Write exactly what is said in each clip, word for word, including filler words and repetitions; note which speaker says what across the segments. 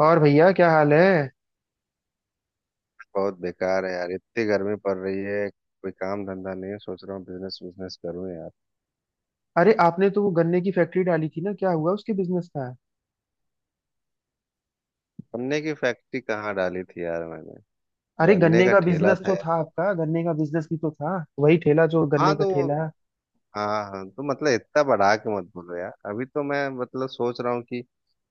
Speaker 1: और भैया क्या हाल है।
Speaker 2: बहुत बेकार है यार। इतनी गर्मी पड़ रही है। कोई काम धंधा नहीं है। सोच रहा हूँ बिजनेस बिजनेस करूँ यार।
Speaker 1: अरे आपने तो वो गन्ने की फैक्ट्री डाली थी ना, क्या हुआ उसके बिजनेस का।
Speaker 2: गन्ने की फैक्ट्री कहाँ डाली थी यार मैंने?
Speaker 1: अरे
Speaker 2: गन्ने
Speaker 1: गन्ने
Speaker 2: का
Speaker 1: का
Speaker 2: ठेला
Speaker 1: बिजनेस
Speaker 2: था
Speaker 1: तो
Speaker 2: यार।
Speaker 1: था आपका, गन्ने का बिजनेस भी तो था, वही ठेला, जो
Speaker 2: हाँ,
Speaker 1: गन्ने का
Speaker 2: तो वो।
Speaker 1: ठेला।
Speaker 2: हाँ हाँ, तो मतलब इतना बढ़ा के मत बोलो यार। अभी तो मैं मतलब सोच रहा हूँ कि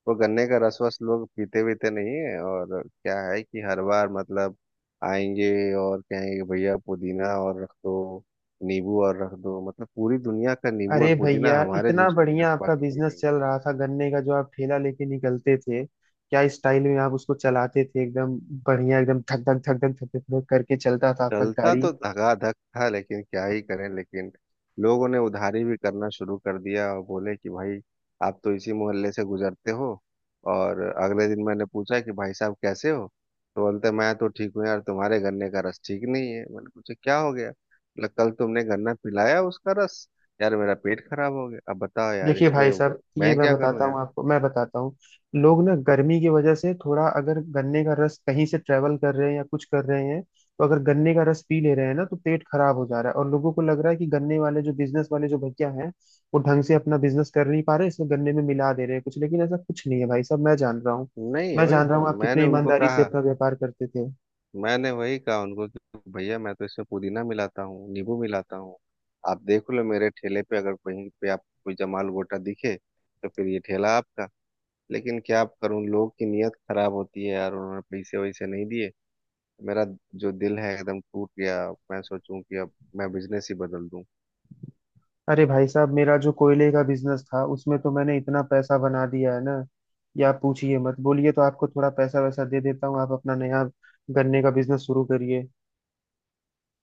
Speaker 2: वो गन्ने का रस वस लोग पीते वीते नहीं है। और क्या है कि हर बार मतलब आएंगे और कहेंगे कि भैया पुदीना और रख दो, नींबू और रख दो। मतलब पूरी दुनिया का नींबू
Speaker 1: अरे
Speaker 2: और पुदीना
Speaker 1: भैया
Speaker 2: हमारे
Speaker 1: इतना
Speaker 2: जूस में
Speaker 1: बढ़िया
Speaker 2: रखवा
Speaker 1: आपका
Speaker 2: के
Speaker 1: बिजनेस
Speaker 2: पिएंगे।
Speaker 1: चल रहा था गन्ने का, जो आप ठेला लेके निकलते थे, क्या स्टाइल में आप उसको चलाते थे एकदम बढ़िया, एकदम धक धक धक धक धक धक धक करके चलता था आपका
Speaker 2: चलता
Speaker 1: गाड़ी।
Speaker 2: तो धगाधक था, लेकिन क्या ही करें। लेकिन लोगों ने उधारी भी करना शुरू कर दिया और बोले कि भाई आप तो इसी मोहल्ले से गुजरते हो। और अगले दिन मैंने पूछा कि भाई साहब कैसे हो? तो बोलते मैं तो ठीक हूँ यार, तुम्हारे गन्ने का रस ठीक नहीं है। मैंने पूछा क्या हो गया? बोला कल तुमने गन्ना पिलाया, उसका रस, यार मेरा पेट खराब हो गया। अब बताओ यार
Speaker 1: देखिए भाई
Speaker 2: इसमें
Speaker 1: साहब ये
Speaker 2: मैं
Speaker 1: मैं
Speaker 2: क्या करूँ
Speaker 1: बताता
Speaker 2: यार?
Speaker 1: हूँ आपको, मैं बताता हूँ। लोग ना गर्मी की वजह से थोड़ा, अगर गन्ने का रस कहीं से ट्रेवल कर रहे हैं या कुछ कर रहे हैं, तो अगर गन्ने का रस पी ले रहे हैं ना, तो पेट खराब हो जा रहा है, और लोगों को लग रहा है कि गन्ने वाले जो बिजनेस वाले जो भैया हैं, वो ढंग से अपना बिजनेस कर नहीं पा रहे, इसलिए गन्ने में मिला दे रहे हैं कुछ, लेकिन ऐसा कुछ नहीं है भाई साहब, मैं जान रहा हूँ।
Speaker 2: नहीं,
Speaker 1: मैं
Speaker 2: वही
Speaker 1: जान रहा हूँ
Speaker 2: तो
Speaker 1: आप
Speaker 2: मैंने
Speaker 1: कितने
Speaker 2: उनको
Speaker 1: ईमानदारी से
Speaker 2: कहा।
Speaker 1: अपना व्यापार करते थे।
Speaker 2: मैंने वही कहा उनको कि भैया मैं तो इसमें पुदीना मिलाता हूँ, नींबू मिलाता हूँ। आप देख लो मेरे ठेले पे, अगर कहीं पे आप कोई जमाल गोटा दिखे तो फिर ये ठेला आपका। लेकिन क्या आप करूँ, लोग की नीयत खराब होती है यार। उन्होंने पैसे वैसे नहीं दिए। मेरा जो दिल है एकदम टूट गया। मैं सोचूं कि अब मैं बिजनेस ही बदल दूं।
Speaker 1: अरे भाई साहब, मेरा जो कोयले का बिजनेस था उसमें तो मैंने इतना पैसा बना दिया है ना कि आप पूछिए मत। बोलिए तो आपको थोड़ा पैसा वैसा दे देता हूँ, आप अपना नया गन्ने का बिजनेस शुरू करिए।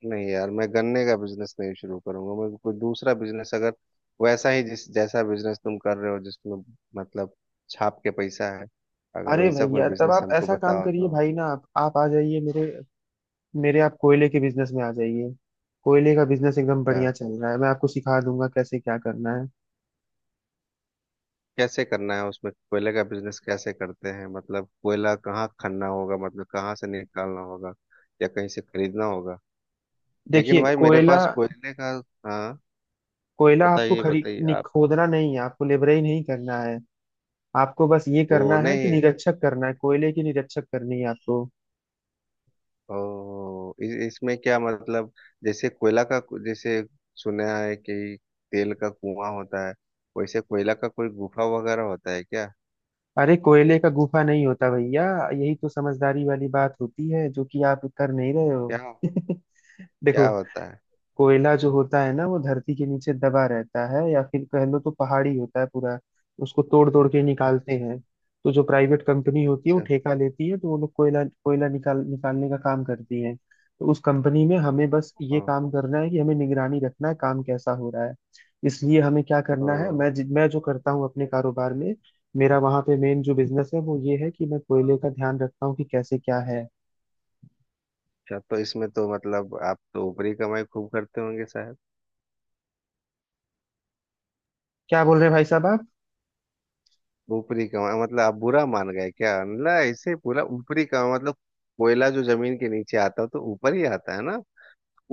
Speaker 2: नहीं यार, मैं गन्ने का बिजनेस नहीं शुरू करूंगा। मैं कोई दूसरा बिजनेस, अगर वैसा ही जिस जैसा बिजनेस तुम कर रहे हो जिसमें मतलब छाप के पैसा है, अगर
Speaker 1: अरे
Speaker 2: वैसा कोई
Speaker 1: भैया तब
Speaker 2: बिजनेस
Speaker 1: आप
Speaker 2: हमको
Speaker 1: ऐसा काम
Speaker 2: बताओ
Speaker 1: करिए,
Speaker 2: तो।
Speaker 1: भाई ना, आप आप आ जाइए मेरे मेरे आप कोयले के बिजनेस में आ जाइए। कोयले का बिजनेस एकदम
Speaker 2: क्या?
Speaker 1: बढ़िया चल रहा है, मैं आपको सिखा दूंगा कैसे क्या करना है।
Speaker 2: कैसे करना है उसमें? कोयले का बिजनेस कैसे करते हैं? मतलब कोयला कहाँ खनना होगा, मतलब कहाँ से निकालना होगा, या कहीं से खरीदना होगा? लेकिन
Speaker 1: देखिए
Speaker 2: भाई मेरे
Speaker 1: कोयला,
Speaker 2: पास कोयले का। हाँ,
Speaker 1: कोयला आपको
Speaker 2: बताइए
Speaker 1: खरी
Speaker 2: बताइए
Speaker 1: नहीं,
Speaker 2: आप।
Speaker 1: खोदना नहीं है, आपको लेबराई नहीं करना है, आपको बस ये
Speaker 2: वो
Speaker 1: करना है कि
Speaker 2: नहीं।
Speaker 1: निरक्षक करना है, कोयले की निरक्षक करनी है आपको।
Speaker 2: ओ इ, इसमें क्या मतलब? जैसे कोयला का, जैसे सुना है कि तेल का कुआं होता है, वैसे कोयला का कोई गुफा वगैरह होता है क्या?
Speaker 1: अरे कोयले का गुफा नहीं होता भैया, यही तो समझदारी वाली बात होती है, जो कि आप कर नहीं रहे हो
Speaker 2: क्या? क्या
Speaker 1: देखो,
Speaker 2: होता है?
Speaker 1: कोयला जो होता है ना, वो धरती के नीचे दबा रहता है, या फिर कह लो तो पहाड़ी होता है पूरा, उसको तोड़ तोड़ के निकालते
Speaker 2: अच्छा।
Speaker 1: हैं। तो जो प्राइवेट कंपनी होती है वो
Speaker 2: अच्छा,
Speaker 1: ठेका लेती है, तो वो लोग कोयला कोयला निकाल निकालने का काम करती है, तो उस कंपनी में हमें बस ये
Speaker 2: हाँ
Speaker 1: काम करना है कि हमें निगरानी रखना है काम कैसा हो रहा है। इसलिए हमें क्या करना है,
Speaker 2: तो।
Speaker 1: मैं जि- मैं जो करता हूँ अपने कारोबार में, मेरा वहां पे मेन जो बिजनेस है वो ये है कि मैं कोयले का ध्यान रखता हूँ कि कैसे क्या है।
Speaker 2: अच्छा, तो इसमें तो मतलब आप तो ऊपरी कमाई खूब करते होंगे साहब।
Speaker 1: क्या बोल रहे हैं भाई साहब आप।
Speaker 2: ऊपरी कमाई मतलब, आप बुरा मान गए क्या? मतलब ऐसे पूरा ऊपरी कमाई मतलब, कोयला जो जमीन के नीचे आता है तो ऊपर ही आता है ना।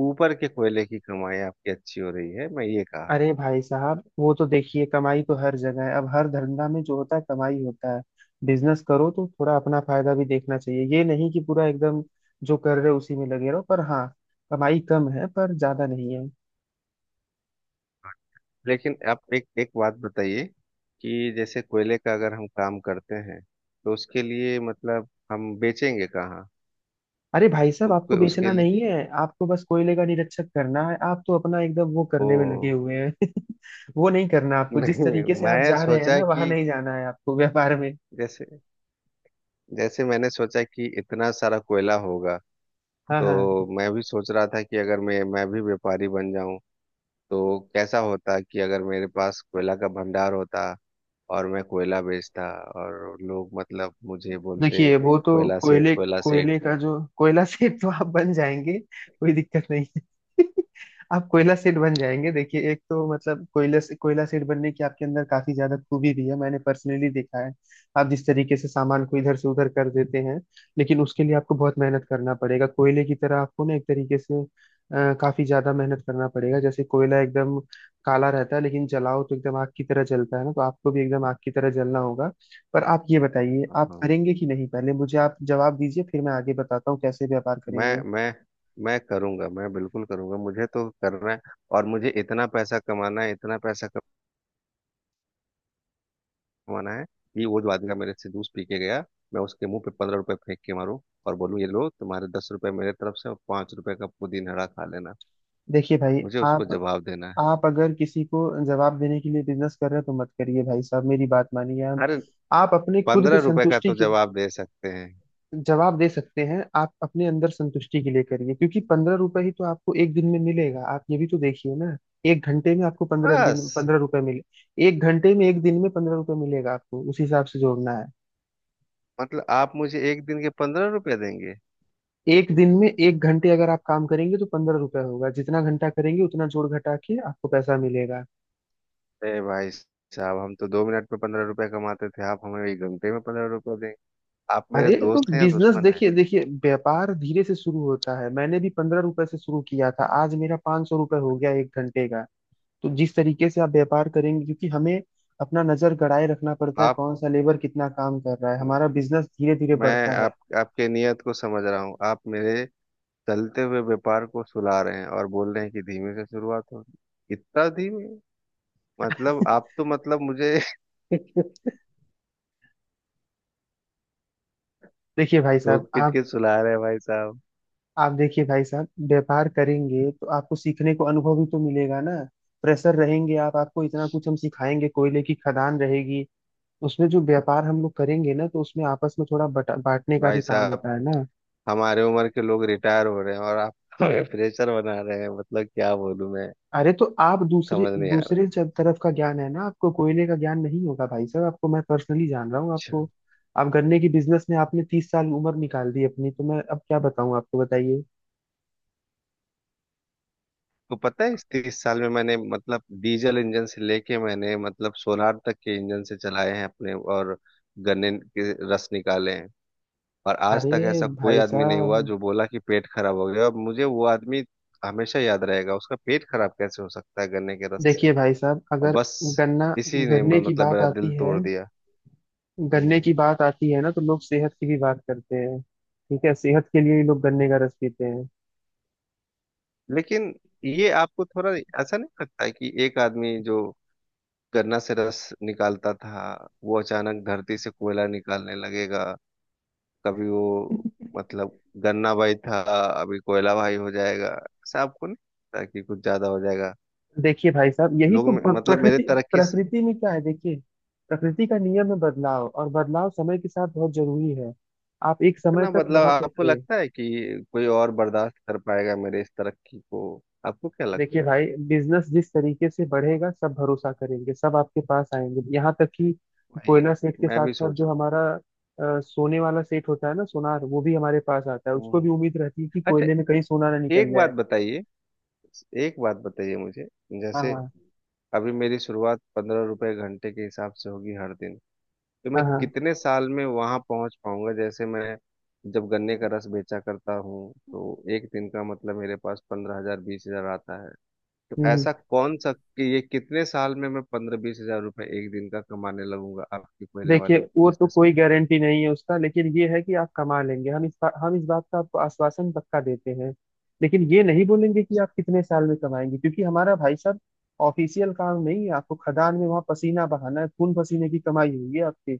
Speaker 2: ऊपर के कोयले की कमाई आपकी अच्छी हो रही है, मैं ये कहा।
Speaker 1: अरे भाई साहब वो तो देखिए, कमाई तो हर जगह है, अब हर धंधा में जो होता है कमाई होता है। बिजनेस करो तो थोड़ा अपना फायदा भी देखना चाहिए, ये नहीं कि पूरा एकदम जो कर रहे हो उसी में लगे रहो, पर हाँ, कमाई कम है पर ज्यादा नहीं है।
Speaker 2: लेकिन आप एक एक बात बताइए कि जैसे कोयले का अगर हम काम करते हैं तो उसके लिए मतलब हम बेचेंगे कहाँ?
Speaker 1: अरे भाई साहब
Speaker 2: उसको
Speaker 1: आपको
Speaker 2: उसके
Speaker 1: बेचना
Speaker 2: लिए,
Speaker 1: नहीं है, आपको बस कोयले का निरीक्षक करना है, आप तो अपना एकदम वो
Speaker 2: ओ।
Speaker 1: करने में लगे हुए हैं वो नहीं करना आपको, जिस
Speaker 2: नहीं,
Speaker 1: तरीके से आप
Speaker 2: मैं
Speaker 1: जा रहे हैं
Speaker 2: सोचा
Speaker 1: ना, वहां
Speaker 2: कि
Speaker 1: नहीं जाना है आपको व्यापार में।
Speaker 2: जैसे, जैसे मैंने सोचा कि इतना सारा कोयला होगा,
Speaker 1: हाँ हाँ।
Speaker 2: तो मैं भी सोच रहा था कि अगर मैं मैं भी व्यापारी बन जाऊं, तो कैसा होता कि अगर मेरे पास कोयला का भंडार होता और मैं कोयला बेचता, और लोग मतलब मुझे बोलते
Speaker 1: देखिए वो तो
Speaker 2: कोयला सेठ,
Speaker 1: कोयले
Speaker 2: कोयला
Speaker 1: कोयले
Speaker 2: सेठ।
Speaker 1: का जो कोयला सेठ, तो आप बन जाएंगे, कोई दिक्कत नहीं है आप कोयला सेठ बन जाएंगे, देखिए एक तो मतलब कोयला से कोयला सेठ बनने की आपके अंदर काफी ज्यादा खूबी भी है, मैंने पर्सनली देखा है आप जिस तरीके से सामान को इधर से उधर कर देते हैं। लेकिन उसके लिए आपको बहुत मेहनत करना पड़ेगा, कोयले की तरह आपको ना एक तरीके से, अ, काफी ज्यादा मेहनत करना पड़ेगा। जैसे कोयला एकदम काला रहता है, लेकिन जलाओ तो एकदम आग की तरह जलता है ना, तो आपको भी एकदम आग की तरह जलना होगा। पर आप ये बताइए,
Speaker 2: हाँ
Speaker 1: आप
Speaker 2: हाँ।
Speaker 1: करेंगे कि नहीं, पहले मुझे आप जवाब दीजिए, फिर मैं आगे बताता हूँ कैसे व्यापार
Speaker 2: मैं
Speaker 1: करेंगे।
Speaker 2: मैं मैं करूंगा, मैं बिल्कुल करूंगा। मुझे तो करना है। और मुझे इतना पैसा कमाना है, इतना पैसा कमाना है कि वो जो आदमी का मेरे से जूस पी के गया, मैं उसके मुंह पे पंद्रह रुपए फेंक के मारूं और बोलूं ये लो तुम्हारे दस रुपए मेरे तरफ से और पांच रुपए का पुदीन हरा खा लेना।
Speaker 1: देखिए भाई
Speaker 2: मुझे उसको
Speaker 1: आप,
Speaker 2: जवाब देना है।
Speaker 1: आप अगर किसी को जवाब देने के लिए बिजनेस कर रहे हैं तो मत करिए भाई साहब, मेरी बात मानिए। आप
Speaker 2: अरे
Speaker 1: आप अपने खुद की
Speaker 2: पंद्रह रुपए का
Speaker 1: संतुष्टि
Speaker 2: तो
Speaker 1: के
Speaker 2: जवाब दे सकते हैं।
Speaker 1: जवाब दे सकते हैं, आप अपने अंदर संतुष्टि के लिए करिए, क्योंकि पंद्रह रुपए ही तो आपको एक दिन में मिलेगा, आप ये भी तो देखिए ना। एक घंटे में आपको पंद्रह
Speaker 2: बस,
Speaker 1: दिन पंद्रह रुपए मिले, एक घंटे में एक दिन में पंद्रह रुपए मिलेगा आपको, उस हिसाब से जोड़ना है।
Speaker 2: मतलब आप मुझे एक दिन के पंद्रह रुपए देंगे?
Speaker 1: एक दिन में एक घंटे अगर आप काम करेंगे तो पंद्रह रुपए होगा, जितना घंटा करेंगे उतना जोड़ घटा के आपको पैसा मिलेगा।
Speaker 2: अरे भाई साहब, हम तो दो मिनट में पंद्रह रुपए कमाते थे, आप हमें एक घंटे में पंद्रह रुपए देंगे? आप मेरे
Speaker 1: अरे तो
Speaker 2: दोस्त हैं या
Speaker 1: बिजनेस
Speaker 2: दुश्मन हैं?
Speaker 1: देखिए, देखिए व्यापार धीरे से शुरू होता है, मैंने भी पंद्रह रुपए से शुरू किया था, आज मेरा पांच सौ रुपये हो गया एक घंटे का। तो जिस तरीके से आप व्यापार करेंगे, क्योंकि हमें अपना नजर गड़ाए रखना पड़ता है,
Speaker 2: आप
Speaker 1: कौन सा लेबर कितना काम कर रहा है, हमारा बिजनेस धीरे धीरे
Speaker 2: मैं
Speaker 1: बढ़ता है
Speaker 2: आप आपके नियत को समझ रहा हूँ। आप मेरे चलते हुए व्यापार को सुला रहे हैं और बोल रहे हैं कि धीमे से शुरुआत हो। इतना धीमे, मतलब आप तो मतलब मुझे
Speaker 1: देखिए भाई साहब
Speaker 2: ठोक पीट
Speaker 1: आप,
Speaker 2: के सुला रहे हैं भाई साहब।
Speaker 1: आप देखिए भाई साहब, व्यापार करेंगे तो आपको सीखने को अनुभव भी तो मिलेगा ना, प्रेशर रहेंगे आप, आपको इतना कुछ हम सिखाएंगे, कोयले की खदान रहेगी, उसमें जो व्यापार हम लोग करेंगे ना, तो उसमें आपस में थोड़ा बटा बांटने का भी
Speaker 2: भाई
Speaker 1: काम
Speaker 2: साहब,
Speaker 1: होता है ना।
Speaker 2: हमारे उम्र के लोग रिटायर हो रहे हैं और आप हमें प्रेशर बना रहे हैं। मतलब क्या बोलूं मैं?
Speaker 1: अरे तो आप दूसरे
Speaker 2: समझ नहीं आ
Speaker 1: दूसरे
Speaker 2: रहा।
Speaker 1: जब तरफ का ज्ञान है ना, आपको कोयले का ज्ञान नहीं होगा भाई साहब, आपको मैं पर्सनली जान रहा हूँ
Speaker 2: अच्छा,
Speaker 1: आपको। आप गन्ने की बिजनेस में आपने तीस साल उम्र निकाल दी अपनी, तो मैं अब क्या बताऊँ आपको, बताइए।
Speaker 2: तो पता है इस तीस साल में मैंने मतलब डीजल इंजन से लेके मैंने मतलब सोनार तक के इंजन से चलाए हैं अपने, और गन्ने के रस निकाले हैं। और आज तक
Speaker 1: अरे
Speaker 2: ऐसा कोई
Speaker 1: भाई
Speaker 2: आदमी नहीं हुआ
Speaker 1: साहब,
Speaker 2: जो बोला कि पेट खराब हो गया, और मुझे वो आदमी हमेशा याद रहेगा, उसका पेट खराब कैसे हो सकता है गन्ने के रस से?
Speaker 1: देखिए भाई साहब,
Speaker 2: और
Speaker 1: अगर
Speaker 2: बस
Speaker 1: गन्ना,
Speaker 2: इसी ने
Speaker 1: गन्ने
Speaker 2: म-
Speaker 1: की
Speaker 2: मतलब
Speaker 1: बात
Speaker 2: मेरा दिल
Speaker 1: आती है
Speaker 2: तोड़ दिया।
Speaker 1: गन्ने
Speaker 2: हम्म,
Speaker 1: की बात आती है ना तो लोग सेहत की भी बात करते हैं, ठीक है, सेहत के लिए ही लोग गन्ने का रस पीते हैं।
Speaker 2: लेकिन ये आपको थोड़ा ऐसा नहीं लगता है कि एक आदमी जो गन्ना से रस निकालता था, वो अचानक धरती से कोयला निकालने लगेगा? कभी वो मतलब गन्ना भाई था, अभी कोयला भाई हो जाएगा? ऐसा आपको नहीं लगता कि कुछ ज्यादा हो जाएगा?
Speaker 1: देखिए भाई साहब, यही
Speaker 2: लोग
Speaker 1: तो
Speaker 2: मे-
Speaker 1: प्र-
Speaker 2: मतलब मेरे
Speaker 1: प्रकृति,
Speaker 2: तरक्की,
Speaker 1: प्रकृति में क्या है देखिए, प्रकृति का नियम है बदलाव, और बदलाव समय के साथ बहुत जरूरी है, आप एक समय
Speaker 2: इतना
Speaker 1: तक
Speaker 2: बदलाव
Speaker 1: वहां पे
Speaker 2: आपको
Speaker 1: थे।
Speaker 2: लगता है कि कोई और बर्दाश्त कर पाएगा मेरे इस तरक्की को? आपको क्या
Speaker 1: देखिए
Speaker 2: लगता है?
Speaker 1: भाई, बिजनेस जिस तरीके से बढ़ेगा सब भरोसा करेंगे, सब आपके पास आएंगे, यहाँ तक कि
Speaker 2: भाई,
Speaker 1: कोयला सेठ के
Speaker 2: मैं
Speaker 1: साथ
Speaker 2: भी
Speaker 1: साथ
Speaker 2: सोच
Speaker 1: जो
Speaker 2: रहा
Speaker 1: हमारा, अ, सोने वाला सेठ होता है ना सोनार, वो भी हमारे पास आता है,
Speaker 2: हूँ।
Speaker 1: उसको भी
Speaker 2: हम्म।
Speaker 1: उम्मीद रहती है कि
Speaker 2: अच्छा,
Speaker 1: कोयले में कहीं सोना ना निकल
Speaker 2: एक बात
Speaker 1: जाए।
Speaker 2: बताइए, एक बात बताइए मुझे।
Speaker 1: हाँ
Speaker 2: जैसे
Speaker 1: हाँ।
Speaker 2: अभी मेरी शुरुआत पंद्रह रुपए घंटे के हिसाब से होगी हर दिन, तो मैं
Speaker 1: हाँ हाँ।
Speaker 2: कितने साल में वहां पहुंच पाऊंगा? जैसे मैं जब गन्ने का रस बेचा करता हूँ तो एक दिन का मतलब मेरे पास पंद्रह हजार बीस हजार आता है, तो
Speaker 1: हम्म।
Speaker 2: ऐसा कौन सा कि ये कितने साल में मैं पंद्रह बीस हजार रुपए एक दिन का कमाने लगूंगा आपके पहले
Speaker 1: देखिए
Speaker 2: वाले
Speaker 1: वो तो
Speaker 2: बिजनेस
Speaker 1: कोई
Speaker 2: में?
Speaker 1: गारंटी नहीं है उसका, लेकिन ये है कि आप कमा लेंगे, हम इस बा, हम इस बात का आपको आश्वासन पक्का देते हैं। लेकिन ये नहीं बोलेंगे कि आप कितने साल में कमाएंगे, क्योंकि हमारा भाई साहब ऑफिशियल काम नहीं है, आपको खदान में वहां पसीना बहाना है, खून पसीने की कमाई हुई है आपकी।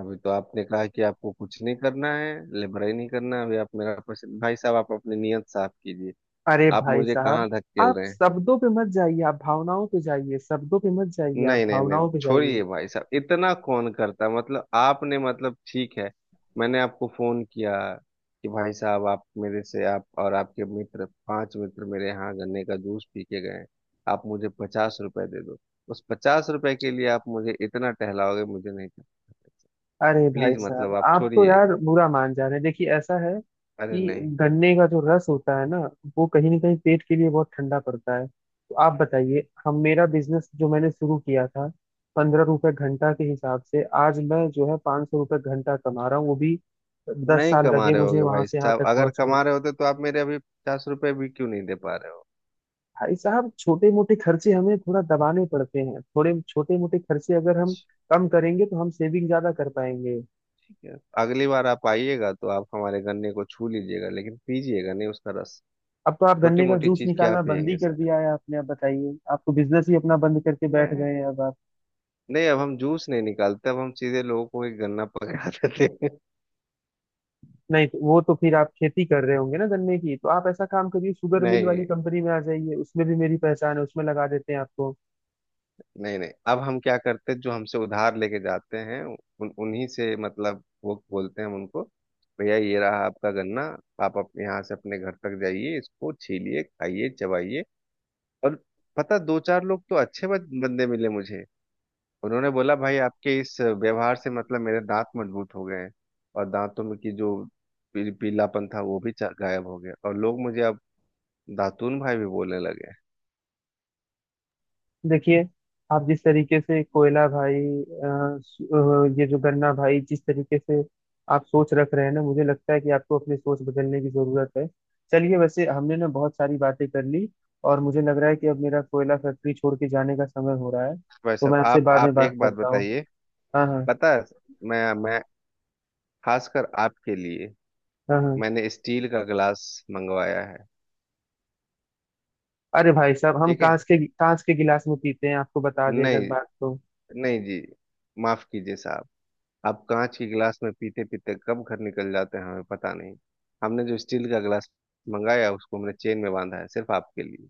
Speaker 2: अभी तो आपने कहा कि आपको कुछ नहीं करना है, लेबर ही नहीं करना है, अभी आप मेरा पैसे, भाई साहब आप अपनी नियत साफ कीजिए।
Speaker 1: अरे
Speaker 2: आप
Speaker 1: भाई
Speaker 2: मुझे
Speaker 1: साहब,
Speaker 2: कहाँ धकेल
Speaker 1: आप
Speaker 2: रहे हैं?
Speaker 1: शब्दों पे मत जाइए, आप भावनाओं पे जाइए, शब्दों पे मत जाइए, आप
Speaker 2: नहीं नहीं नहीं,
Speaker 1: भावनाओं पे जाइए।
Speaker 2: छोड़िए भाई साहब, इतना कौन करता है? मतलब आपने मतलब ठीक है। मैंने आपको फोन किया कि भाई साहब, आप मेरे से आप और आपके मित्र, पांच मित्र मेरे यहाँ गन्ने का जूस पी के गए, आप मुझे पचास रुपए दे दो। उस पचास रुपए के लिए आप मुझे इतना टहलाओगे? मुझे नहीं।
Speaker 1: अरे भाई
Speaker 2: प्लीज,
Speaker 1: साहब,
Speaker 2: मतलब आप
Speaker 1: आप तो
Speaker 2: छोड़िए।
Speaker 1: यार बुरा मान जा रहे हैं, देखिए ऐसा है
Speaker 2: अरे
Speaker 1: कि
Speaker 2: नहीं,
Speaker 1: गन्ने का जो रस होता है ना, वो कहीं ना कहीं पेट के लिए बहुत ठंडा पड़ता है। तो आप बताइए, हम मेरा बिजनेस जो मैंने शुरू किया था पंद्रह रुपए घंटा के हिसाब से, आज मैं जो है पाँच सौ रुपये घंटा कमा रहा हूँ, वो भी दस
Speaker 2: नहीं
Speaker 1: साल
Speaker 2: कमा
Speaker 1: लगे
Speaker 2: रहे
Speaker 1: मुझे
Speaker 2: होगे
Speaker 1: वहां
Speaker 2: भाई
Speaker 1: से यहाँ
Speaker 2: साहब,
Speaker 1: तक
Speaker 2: अगर
Speaker 1: पहुंचने।
Speaker 2: कमा रहे होते तो आप मेरे अभी पचास रुपए भी क्यों नहीं दे पा रहे हो?
Speaker 1: भाई साहब, छोटे मोटे खर्चे हमें थोड़ा दबाने पड़ते हैं, थोड़े छोटे मोटे खर्चे अगर हम कम करेंगे तो हम सेविंग ज्यादा कर पाएंगे।
Speaker 2: है। अगली बार आप आइएगा तो आप हमारे गन्ने को छू लीजिएगा, लेकिन पीजिएगा नहीं उसका रस।
Speaker 1: अब तो आप
Speaker 2: छोटी
Speaker 1: गन्ने का
Speaker 2: मोटी
Speaker 1: जूस
Speaker 2: चीज क्या
Speaker 1: निकालना बंद ही
Speaker 2: पियेंगे
Speaker 1: कर
Speaker 2: सर?
Speaker 1: दिया है आपने, अब बताइए, आप तो बिजनेस ही अपना बंद करके बैठ
Speaker 2: नहीं।
Speaker 1: गए हैं अब आप।
Speaker 2: नहीं, अब हम जूस नहीं निकालते, अब हम सीधे लोगों को एक गन्ना पकड़ा देते हैं।
Speaker 1: नहीं तो वो तो फिर आप खेती कर रहे होंगे ना गन्ने की, तो आप ऐसा काम करिए, शुगर मिल वाली
Speaker 2: नहीं
Speaker 1: कंपनी में आ जाइए, उसमें भी मेरी पहचान है, उसमें लगा देते हैं आपको।
Speaker 2: नहीं नहीं, अब हम क्या करते हैं, जो हमसे उधार लेके जाते हैं उन उन्हीं से, मतलब वो बोलते हैं, हम उनको भैया ये रहा आपका गन्ना, आप अपने यहाँ से अपने घर तक जाइए, इसको छीलिए, खाइए, चबाइए। और पता, दो चार लोग तो अच्छे बन- बंदे मिले मुझे। उन्होंने बोला भाई आपके इस व्यवहार से मतलब मेरे दांत मजबूत हो गए हैं, और दांतों में की जो पी, पीलापन था वो भी चा- गायब हो गया, और लोग मुझे अब दातून भाई भी बोलने लगे हैं।
Speaker 1: देखिए आप जिस तरीके से कोयला भाई, अ, स- अ, ये जो गन्ना भाई, जिस तरीके से आप सोच रख रहे हैं ना, मुझे लगता है कि आपको अपनी सोच बदलने की जरूरत है। चलिए वैसे हमने ना बहुत सारी बातें कर ली, और मुझे लग रहा है कि अब मेरा कोयला फैक्ट्री छोड़ के जाने का समय हो रहा है,
Speaker 2: भाई
Speaker 1: तो मैं
Speaker 2: साहब,
Speaker 1: आपसे
Speaker 2: आप
Speaker 1: बाद में
Speaker 2: आप
Speaker 1: बात
Speaker 2: एक बात
Speaker 1: करता हूँ।
Speaker 2: बताइए।
Speaker 1: हाँ हाँ।
Speaker 2: पता है, मैं मैं खासकर आपके लिए
Speaker 1: हाँ हाँ।
Speaker 2: मैंने स्टील का गिलास मंगवाया है।
Speaker 1: अरे भाई साहब, हम
Speaker 2: ठीक है।
Speaker 1: कांच के कांच के गिलास में पीते हैं, आपको बता दें अगर
Speaker 2: नहीं।
Speaker 1: बात तो।
Speaker 2: नहीं जी, माफ कीजिए साहब, आप कांच के गिलास में पीते पीते कब घर निकल जाते हैं हमें पता नहीं। हमने जो स्टील का गिलास मंगाया उसको हमने चेन में बांधा है सिर्फ आपके लिए,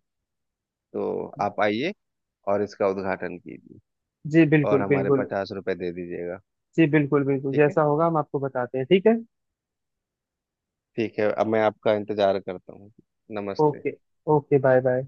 Speaker 2: तो आप आइए और इसका उद्घाटन कीजिए,
Speaker 1: जी
Speaker 2: और
Speaker 1: बिल्कुल
Speaker 2: हमारे
Speaker 1: बिल्कुल।
Speaker 2: पचास रुपए दे दीजिएगा।
Speaker 1: जी बिल्कुल बिल्कुल,
Speaker 2: ठीक है,
Speaker 1: जैसा होगा हम आपको बताते हैं, ठीक है।
Speaker 2: ठीक है, अब मैं आपका इंतजार करता हूँ। नमस्ते।
Speaker 1: ओके। Okay bye bye.